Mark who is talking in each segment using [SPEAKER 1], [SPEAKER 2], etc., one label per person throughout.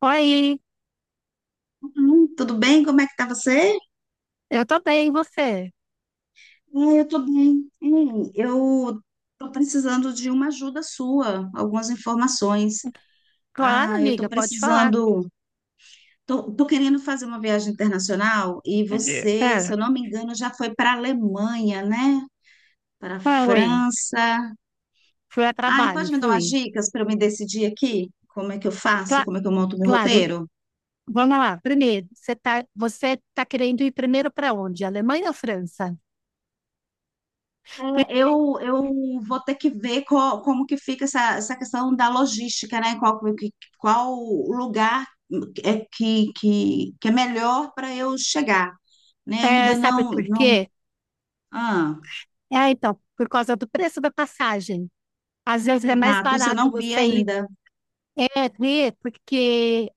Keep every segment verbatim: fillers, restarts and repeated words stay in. [SPEAKER 1] Oi,
[SPEAKER 2] Hum, Tudo bem? Como é que tá você?
[SPEAKER 1] eu tô bem, e você?
[SPEAKER 2] Ah, eu tô bem. Hein, eu tô precisando de uma ajuda sua, algumas informações.
[SPEAKER 1] Claro,
[SPEAKER 2] Ah, eu tô
[SPEAKER 1] amiga, pode falar.
[SPEAKER 2] precisando. Tô, tô querendo fazer uma viagem internacional e você, se
[SPEAKER 1] Pera,
[SPEAKER 2] eu não me engano, já foi para a Alemanha, né? Para a
[SPEAKER 1] oi,
[SPEAKER 2] França.
[SPEAKER 1] fui a
[SPEAKER 2] Ah, e
[SPEAKER 1] trabalho,
[SPEAKER 2] pode me dar
[SPEAKER 1] fui.
[SPEAKER 2] umas dicas para eu me decidir aqui? Como é que eu faço?
[SPEAKER 1] Cla-
[SPEAKER 2] Como é que eu monto meu
[SPEAKER 1] claro,
[SPEAKER 2] roteiro?
[SPEAKER 1] vamos lá. Primeiro, você tá, você tá querendo ir primeiro para onde? Alemanha ou França? Por-
[SPEAKER 2] É, eu, eu vou ter que ver qual- como que fica essa, essa questão da logística, né? Qual, que- qual lugar é que, que, que é melhor para eu chegar, né?
[SPEAKER 1] é,
[SPEAKER 2] Ainda
[SPEAKER 1] sabe
[SPEAKER 2] não,
[SPEAKER 1] por
[SPEAKER 2] não...
[SPEAKER 1] quê?
[SPEAKER 2] Ah,
[SPEAKER 1] É, então, por causa do preço da passagem. Às vezes é mais
[SPEAKER 2] exato, isso eu
[SPEAKER 1] barato
[SPEAKER 2] não vi
[SPEAKER 1] você ir,
[SPEAKER 2] ainda.
[SPEAKER 1] é, ver, porque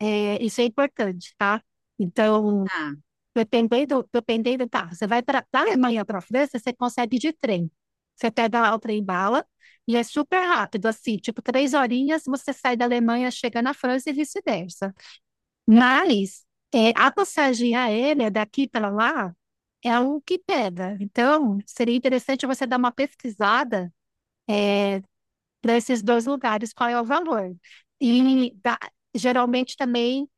[SPEAKER 1] é, isso é importante, tá? Então,
[SPEAKER 2] Tá.
[SPEAKER 1] Dependendo, dependendo, tá. Você vai para da Alemanha para a França, você consegue ir de trem. Você pega lá o trem bala e é super rápido, assim, tipo, três horinhas você sai da Alemanha, chega na França e vice-versa. Mas é, a passagem aérea daqui para lá é o que pega. Então, seria interessante você dar uma pesquisada para esses dois lugares, qual é o valor. E da- Geralmente também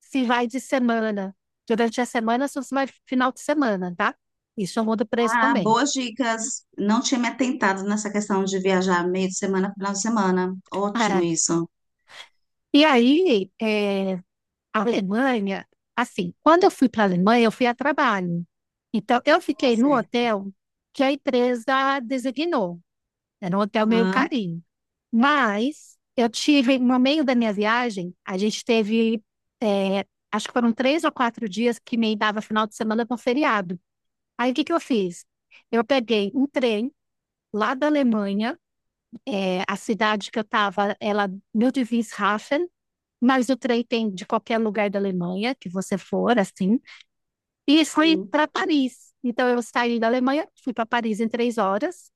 [SPEAKER 1] se vai de semana. Durante a semana, se você vai final de semana, tá? Isso muda o preço
[SPEAKER 2] Ah,
[SPEAKER 1] também.
[SPEAKER 2] boas dicas. Não tinha me atentado nessa questão de viajar meio de semana, final de semana. Ótimo
[SPEAKER 1] Ah,
[SPEAKER 2] isso.
[SPEAKER 1] e aí, é, a Alemanha, assim, quando eu fui para a Alemanha, eu fui a trabalho. Então, eu
[SPEAKER 2] Tá
[SPEAKER 1] fiquei no
[SPEAKER 2] certo.
[SPEAKER 1] hotel que a empresa designou. Era um hotel meio
[SPEAKER 2] Aham,
[SPEAKER 1] carinho. Mas eu tive, no meio da minha viagem, a gente teve, é, acho que foram três ou quatro dias que me dava final de semana para um feriado. Aí, o que que eu fiz? Eu peguei um trem lá da Alemanha. É, a cidade que eu estava, ela, meu Wilhelmshaven, mas o trem tem de qualquer lugar da Alemanha que você for, assim. E fui
[SPEAKER 2] sim.
[SPEAKER 1] para Paris. Então eu saí da Alemanha, fui para Paris em três horas.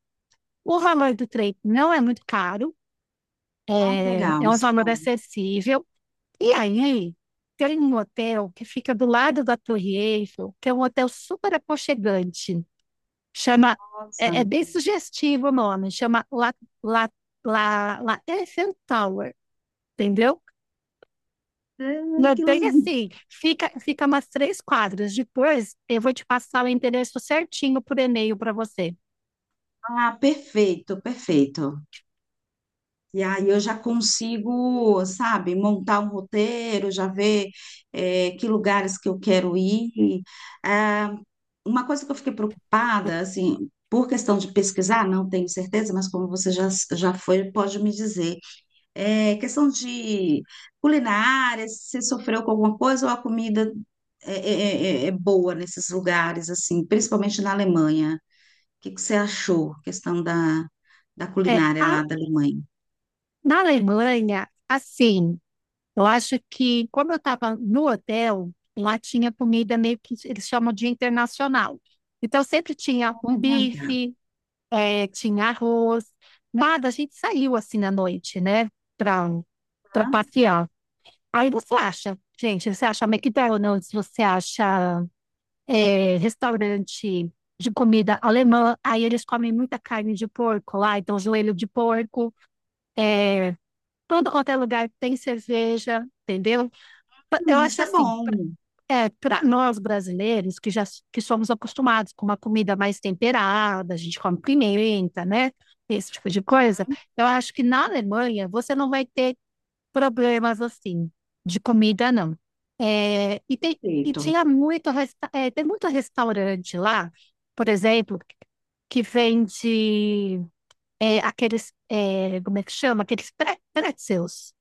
[SPEAKER 1] O valor do trem não é muito caro,
[SPEAKER 2] Ah, que
[SPEAKER 1] é, é
[SPEAKER 2] legal,
[SPEAKER 1] um
[SPEAKER 2] isso é
[SPEAKER 1] valor
[SPEAKER 2] bom.
[SPEAKER 1] acessível. E aí tem um hotel que fica do lado da Torre Eiffel, que é um hotel super aconchegante. Chama,
[SPEAKER 2] Nossa. Ah,
[SPEAKER 1] é, é bem sugestivo o nome, chama La, La, La, La Eiffel Tower, entendeu?
[SPEAKER 2] que
[SPEAKER 1] Não é bem
[SPEAKER 2] legal.
[SPEAKER 1] assim, fica, fica umas três quadras. Depois eu vou te passar o endereço certinho por e-mail para você.
[SPEAKER 2] Ah, perfeito, perfeito. E aí eu já consigo, sabe, montar um roteiro, já ver eh, que lugares que eu quero ir. Ah, uma coisa que eu fiquei preocupada, assim, por questão de pesquisar, não tenho certeza, mas como você já, já foi, pode me dizer. É questão de culinária, se sofreu com alguma coisa ou a comida é, é- é- é é boa nesses lugares, assim, principalmente na Alemanha. O que que você achou, questão da, da
[SPEAKER 1] É,
[SPEAKER 2] culinária
[SPEAKER 1] a
[SPEAKER 2] lá da Alemanha?
[SPEAKER 1] Na Alemanha, assim, eu acho que, como eu estava no hotel, lá tinha comida meio que eles chamam de internacional. Então, sempre tinha um bife, eh, tinha arroz, nada. A gente saiu assim à noite, né, para para
[SPEAKER 2] Ah,
[SPEAKER 1] passear. Aí você acha, gente, você acha McDonald's, você acha eh, restaurante de comida alemã. Aí eles comem muita carne de porco lá, então joelho de porco. eh, Todo quanto é lugar tem cerveja, entendeu? Pa- Eu
[SPEAKER 2] hum,
[SPEAKER 1] acho
[SPEAKER 2] isso é
[SPEAKER 1] assim, pra-
[SPEAKER 2] bom.
[SPEAKER 1] é, para nós brasileiros que já s- que somos acostumados com uma comida mais temperada, a gente come pimenta, né? Esse tipo de coisa. Eu acho que na Alemanha você não vai ter problemas assim de comida, não. É, e tem, e
[SPEAKER 2] Perfeito.
[SPEAKER 1] tinha muito, resta- é, tem muito restaurante lá, por exemplo, que vende é, aqueles, é, como é que chama? Aqueles pre- pretzels.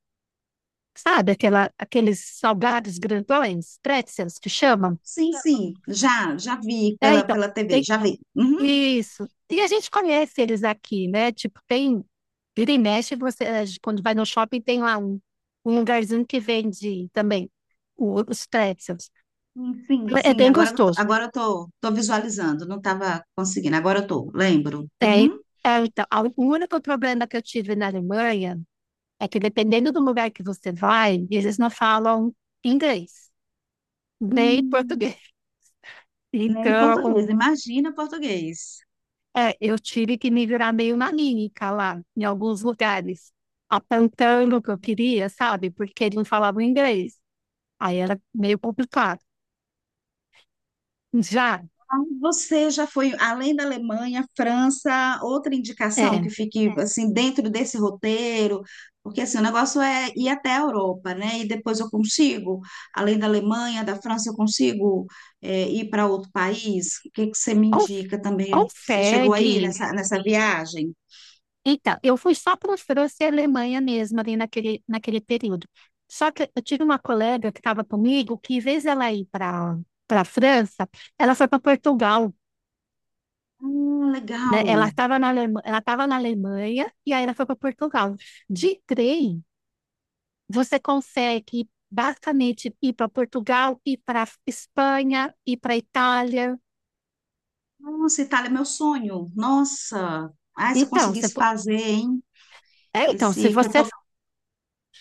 [SPEAKER 1] Sabe aquela, aqueles salgados grandões, pretzels que chamam?
[SPEAKER 2] Sim, sim. Já, já vi
[SPEAKER 1] É,
[SPEAKER 2] pela,
[SPEAKER 1] então,
[SPEAKER 2] pela T V,
[SPEAKER 1] tem
[SPEAKER 2] já vi. Uhum.
[SPEAKER 1] isso. E a gente conhece eles aqui, né? Tipo, tem, vira e mexe, você, eh, quando vai no shopping, tem lá um, um lugarzinho que vende também o- os pretzels.
[SPEAKER 2] Hum, sim,
[SPEAKER 1] É
[SPEAKER 2] sim.
[SPEAKER 1] bem
[SPEAKER 2] Agora, eu tô-
[SPEAKER 1] gostoso.
[SPEAKER 2] agora eu tô, tô visualizando. Não estava conseguindo. Agora eu tô, lembro.
[SPEAKER 1] É, é,
[SPEAKER 2] Uhum.
[SPEAKER 1] então, a- o único problema que eu tive na Alemanha é que, dependendo do lugar que você vai, eles não falam inglês, nem
[SPEAKER 2] Hum,
[SPEAKER 1] português.
[SPEAKER 2] né, em
[SPEAKER 1] Então,
[SPEAKER 2] português, imagina português.
[SPEAKER 1] É, eu tive que me virar meio nanica lá, em alguns lugares, apontando o que eu queria, sabe? Porque eles não falavam inglês. Aí era meio complicado. Já,
[SPEAKER 2] Ah, você já foi além da Alemanha, França, outra indicação que
[SPEAKER 1] é,
[SPEAKER 2] fique assim dentro desse roteiro, porque assim, o negócio é ir até a Europa, né? E depois eu consigo, além da Alemanha, da França, eu consigo é, ir para outro país. O que que você me
[SPEAKER 1] Alf-
[SPEAKER 2] indica também? Você chegou aí
[SPEAKER 1] Alfeg.
[SPEAKER 2] nessa, nessa viagem?
[SPEAKER 1] Então, eu fui só para França e Alemanha mesmo ali naquele, naquele período. Só que eu tive uma colega que estava comigo que, em vez dela ir para para França, ela foi para Portugal,
[SPEAKER 2] Ah,
[SPEAKER 1] né? Ela
[SPEAKER 2] legal.
[SPEAKER 1] estava na Alema- ela estava na Alemanha e aí ela foi para Portugal. De trem, você consegue ir basicamente ir para Portugal, ir para Espanha, ir para Itália.
[SPEAKER 2] Nossa, Itália é meu sonho. Nossa. Ai, se eu
[SPEAKER 1] Então, você
[SPEAKER 2] conseguisse
[SPEAKER 1] po-
[SPEAKER 2] fazer, hein?
[SPEAKER 1] é, então, se
[SPEAKER 2] Esse que eu
[SPEAKER 1] você
[SPEAKER 2] tô.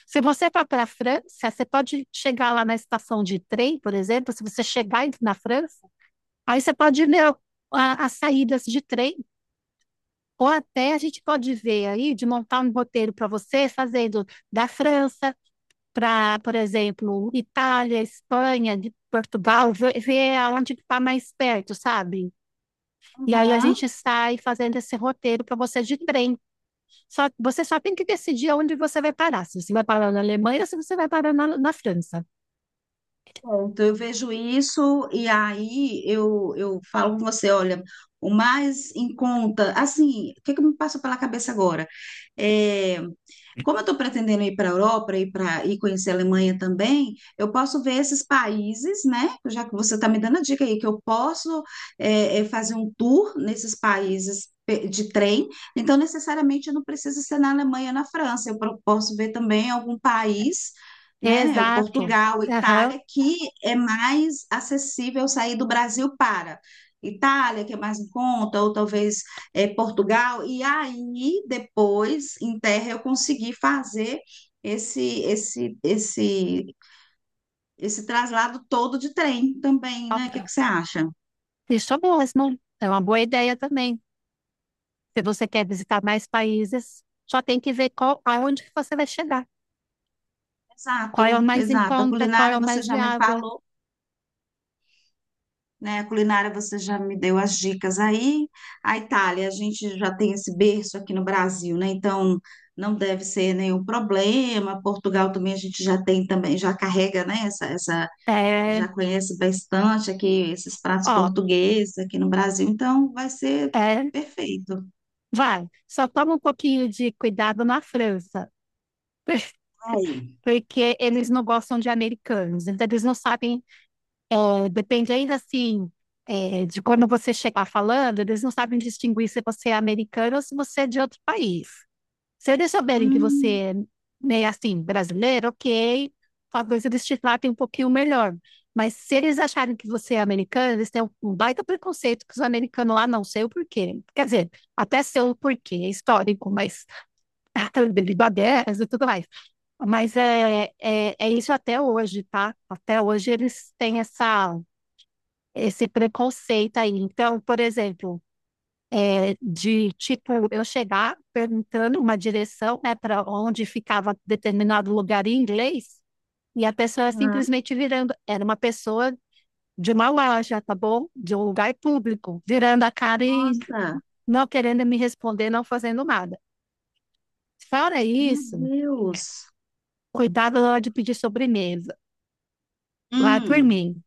[SPEAKER 1] se você for para a França, você pode chegar lá na estação de trem, por exemplo, se você chegar em- na França, aí você pode ver a- as saídas de trem. Ou até a gente pode ver aí de montar um roteiro para você, fazendo da França para, por exemplo, Itália, Espanha, de Portugal, ver, ver onde está mais perto, sabe? E aí a
[SPEAKER 2] Aham.
[SPEAKER 1] gente sai fazendo esse roteiro para você de trem. Só, você só tem que decidir onde você vai parar. Se você vai parar na Alemanha ou se você vai parar na, na França.
[SPEAKER 2] Pronto, eu vejo isso e aí eu, eu falo com você, olha, o mais em conta, assim, o que é que me passa pela cabeça agora? É, como eu estou pretendendo ir para a Europa e para e conhecer a Alemanha também, eu posso ver esses países, né? Já que você está me dando a dica aí que eu posso é, é, fazer um tour nesses países pe- de trem, então necessariamente eu não preciso ser na Alemanha, na França. Eu pro- posso ver também algum país, né? O
[SPEAKER 1] Exato.
[SPEAKER 2] Portugal,
[SPEAKER 1] Aham.
[SPEAKER 2] Itália, que é mais acessível sair do Brasil para Itália, que é mais em conta, ou talvez é, Portugal, e aí depois, em terra, eu consegui fazer esse, esse, esse, esse traslado todo de trem também,
[SPEAKER 1] Ó,
[SPEAKER 2] né? O que que você acha?
[SPEAKER 1] isso mesmo. É uma boa ideia também. Se você quer visitar mais países, só tem que ver qual, aonde que você vai chegar. Qual é o
[SPEAKER 2] Exato,
[SPEAKER 1] mais em
[SPEAKER 2] exato. A
[SPEAKER 1] conta, qual é
[SPEAKER 2] culinária
[SPEAKER 1] o
[SPEAKER 2] você
[SPEAKER 1] mais
[SPEAKER 2] já me
[SPEAKER 1] viável.
[SPEAKER 2] falou, né? A culinária você já me deu as dicas aí. A Itália, a gente já tem esse berço aqui no Brasil, né? Então não deve ser nenhum problema. Portugal também a gente já tem também, já carrega, né? Essa, essa
[SPEAKER 1] É,
[SPEAKER 2] já conhece bastante aqui esses pratos
[SPEAKER 1] ó,
[SPEAKER 2] portugueses aqui no Brasil, então vai ser
[SPEAKER 1] é,
[SPEAKER 2] perfeito.
[SPEAKER 1] vai. Só toma um pouquinho de cuidado na França,
[SPEAKER 2] Ai,
[SPEAKER 1] porque eles não gostam de americanos, então eles não sabem, é, dependendo assim, é, de quando você chegar falando, eles não sabem distinguir se você é americano ou se você é de outro país. Se eles souberem que você
[SPEAKER 2] hum,
[SPEAKER 1] é meio assim, brasileiro, ok, talvez eles te tratem um pouquinho melhor. Mas se eles acharem que você é americano, eles têm um baita preconceito que os americanos lá não sei o porquê. Quer dizer, até sei o porquê, é histórico, mas ah, Bangladesh e tudo mais. Mas é, é, é isso até hoje, tá? Até hoje eles têm essa, esse preconceito aí. Então, por exemplo, é de tipo eu chegar perguntando uma direção, né, para onde ficava determinado lugar em inglês, e a pessoa
[SPEAKER 2] ah,
[SPEAKER 1] simplesmente virando, era uma pessoa de uma loja, tá bom? De um lugar público, virando a cara e
[SPEAKER 2] nossa,
[SPEAKER 1] não querendo me responder, não fazendo nada. Fora
[SPEAKER 2] meu
[SPEAKER 1] isso,
[SPEAKER 2] Deus.
[SPEAKER 1] cuidado na hora de pedir sobremesa. Lá por
[SPEAKER 2] Hum,
[SPEAKER 1] mim.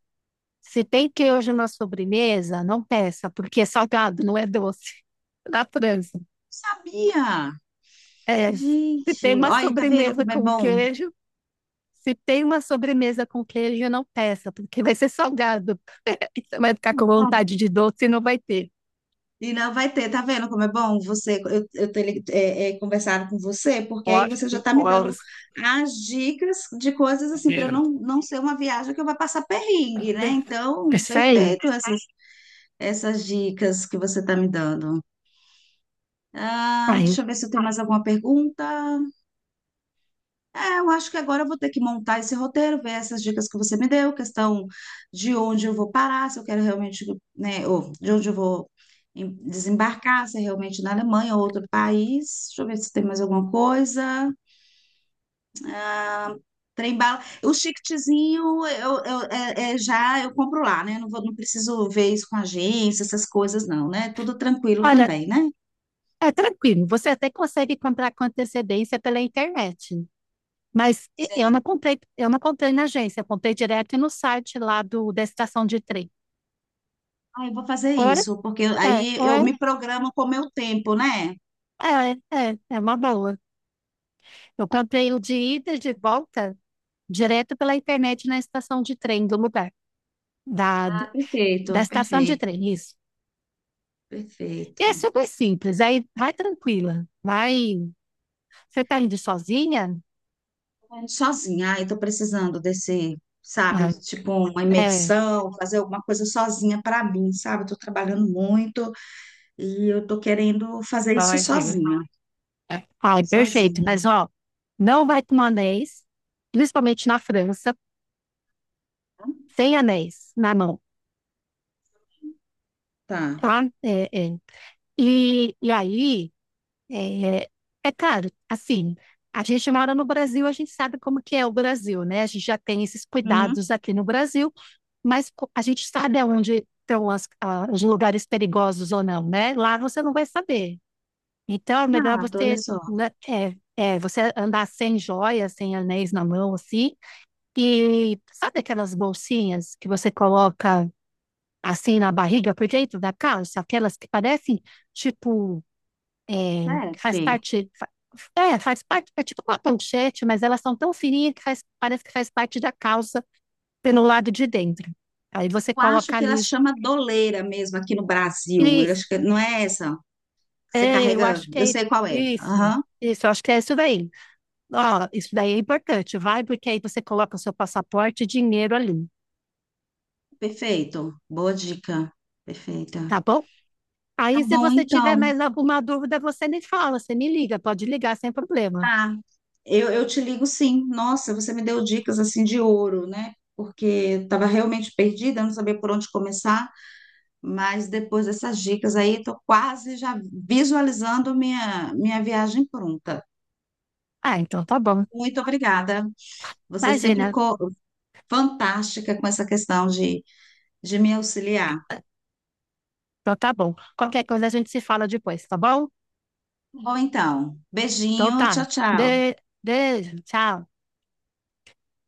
[SPEAKER 1] Se tem queijo na sobremesa, não peça, porque é salgado, não é doce. Na França,
[SPEAKER 2] sabia.
[SPEAKER 1] é. Se
[SPEAKER 2] Gente,
[SPEAKER 1] tem uma
[SPEAKER 2] olha, aí, tá vendo
[SPEAKER 1] sobremesa
[SPEAKER 2] como é
[SPEAKER 1] com
[SPEAKER 2] bom?
[SPEAKER 1] queijo, Se tem uma sobremesa com queijo, não peça, porque vai ser salgado. Você vai ficar com vontade de doce e não vai ter.
[SPEAKER 2] E não vai ter, tá vendo como é bom você, eu, eu ter li- é, é, conversado com você, porque aí
[SPEAKER 1] Olha,
[SPEAKER 2] você já tá me
[SPEAKER 1] olha,
[SPEAKER 2] dando as dicas de coisas assim, para não, não ser uma viagem que eu vou passar perrengue, né? Então,
[SPEAKER 1] é isso aí.
[SPEAKER 2] perfeito, essa, essas dicas que você está me dando. Ah,
[SPEAKER 1] Aí,
[SPEAKER 2] deixa eu ver se eu tenho mais alguma pergunta. É, eu acho que agora eu vou ter que montar esse roteiro, ver essas dicas que você me deu, questão de onde eu vou parar, se eu quero realmente, né, ou de onde eu vou em- desembarcar, se é realmente na Alemanha ou outro país. Deixa eu ver se tem mais alguma coisa. Trem bala. O chiquetezinho eu, eu, é, é, já eu compro lá, né? Não vou, não preciso ver isso com agência, essas coisas não, né? Tudo tranquilo
[SPEAKER 1] olha,
[SPEAKER 2] também, né?
[SPEAKER 1] é tranquilo. Você até consegue comprar com antecedência pela internet. Mas e- eu não comprei, eu não comprei na agência, eu comprei direto no site lá do, da estação de trem.
[SPEAKER 2] Ah, eu vou fazer
[SPEAKER 1] Ora,
[SPEAKER 2] isso, porque
[SPEAKER 1] é,
[SPEAKER 2] aí eu
[SPEAKER 1] ora,
[SPEAKER 2] me programo com o meu tempo, né?
[SPEAKER 1] é, é, é uma boa. Eu comprei o de ida e de volta direto pela internet na estação de trem do lugar, da,
[SPEAKER 2] Ah,
[SPEAKER 1] da
[SPEAKER 2] perfeito,
[SPEAKER 1] estação de
[SPEAKER 2] perfeito,
[SPEAKER 1] trem, isso. E é
[SPEAKER 2] perfeito.
[SPEAKER 1] super simples, aí vai tranquila, vai. Você tá indo sozinha?
[SPEAKER 2] Sozinha, ai, tô precisando desse, sabe,
[SPEAKER 1] Ah,
[SPEAKER 2] tipo uma
[SPEAKER 1] é,
[SPEAKER 2] imersão, fazer alguma coisa sozinha para mim, sabe? Tô trabalhando muito e eu tô querendo fazer isso
[SPEAKER 1] pode.
[SPEAKER 2] sozinha,
[SPEAKER 1] É. Ai, perfeito,
[SPEAKER 2] sozinha.
[SPEAKER 1] mas ó, não vai com anéis, principalmente na França, sem anéis na mão,
[SPEAKER 2] Tá.
[SPEAKER 1] tá? É, é. E, e aí. É, é claro, assim, a gente mora no Brasil, a gente sabe como que é o Brasil, né? A gente já tem esses
[SPEAKER 2] Hum,
[SPEAKER 1] cuidados aqui no Brasil, mas co- a gente sabe aonde estão as- a- os lugares perigosos ou não, né? Lá você não vai saber. Então, é melhor
[SPEAKER 2] exato, olha
[SPEAKER 1] você,
[SPEAKER 2] só.
[SPEAKER 1] né, é, é, você andar sem joias, sem anéis na mão, assim, e sabe aquelas bolsinhas que você coloca assim na barriga por dentro da calça, aquelas que parecem, tipo é, faz
[SPEAKER 2] Sete.
[SPEAKER 1] parte, fa- é, faz parte, é tipo uma manchete, mas elas são tão fininhas que faz- parece que faz parte da calça pelo lado de dentro. Aí você
[SPEAKER 2] Eu acho
[SPEAKER 1] coloca
[SPEAKER 2] que ela
[SPEAKER 1] ali, os-
[SPEAKER 2] chama doleira mesmo aqui no Brasil. Eu
[SPEAKER 1] isso,
[SPEAKER 2] acho que não é essa. Você
[SPEAKER 1] é, eu
[SPEAKER 2] carrega,
[SPEAKER 1] acho que
[SPEAKER 2] eu
[SPEAKER 1] é
[SPEAKER 2] sei qual é.
[SPEAKER 1] isso,
[SPEAKER 2] Aham.
[SPEAKER 1] isso, eu acho que é isso daí. Ó, isso daí é importante, vai, porque aí você coloca o seu passaporte e dinheiro ali,
[SPEAKER 2] Perfeito. Boa dica. Perfeita.
[SPEAKER 1] tá bom?
[SPEAKER 2] Tá
[SPEAKER 1] Aí, se
[SPEAKER 2] bom,
[SPEAKER 1] você tiver
[SPEAKER 2] então.
[SPEAKER 1] mais alguma dúvida, você me fala, você me liga, pode ligar sem problema.
[SPEAKER 2] Tá. Eu, eu te ligo sim. Nossa, você me deu dicas assim de ouro, né? Porque eu estava realmente perdida, eu não sabia por onde começar, mas depois dessas dicas aí, estou quase já visualizando minha, minha viagem pronta.
[SPEAKER 1] Ah, então tá bom.
[SPEAKER 2] Muito obrigada. Você sempre
[SPEAKER 1] Imagina.
[SPEAKER 2] ficou fantástica com essa questão de, de me auxiliar. Tá
[SPEAKER 1] Então tá bom. Qualquer coisa a gente se fala depois, tá bom?
[SPEAKER 2] bom, então,
[SPEAKER 1] Então
[SPEAKER 2] beijinho, tchau,
[SPEAKER 1] tá.
[SPEAKER 2] tchau.
[SPEAKER 1] De... Beijo, tchau.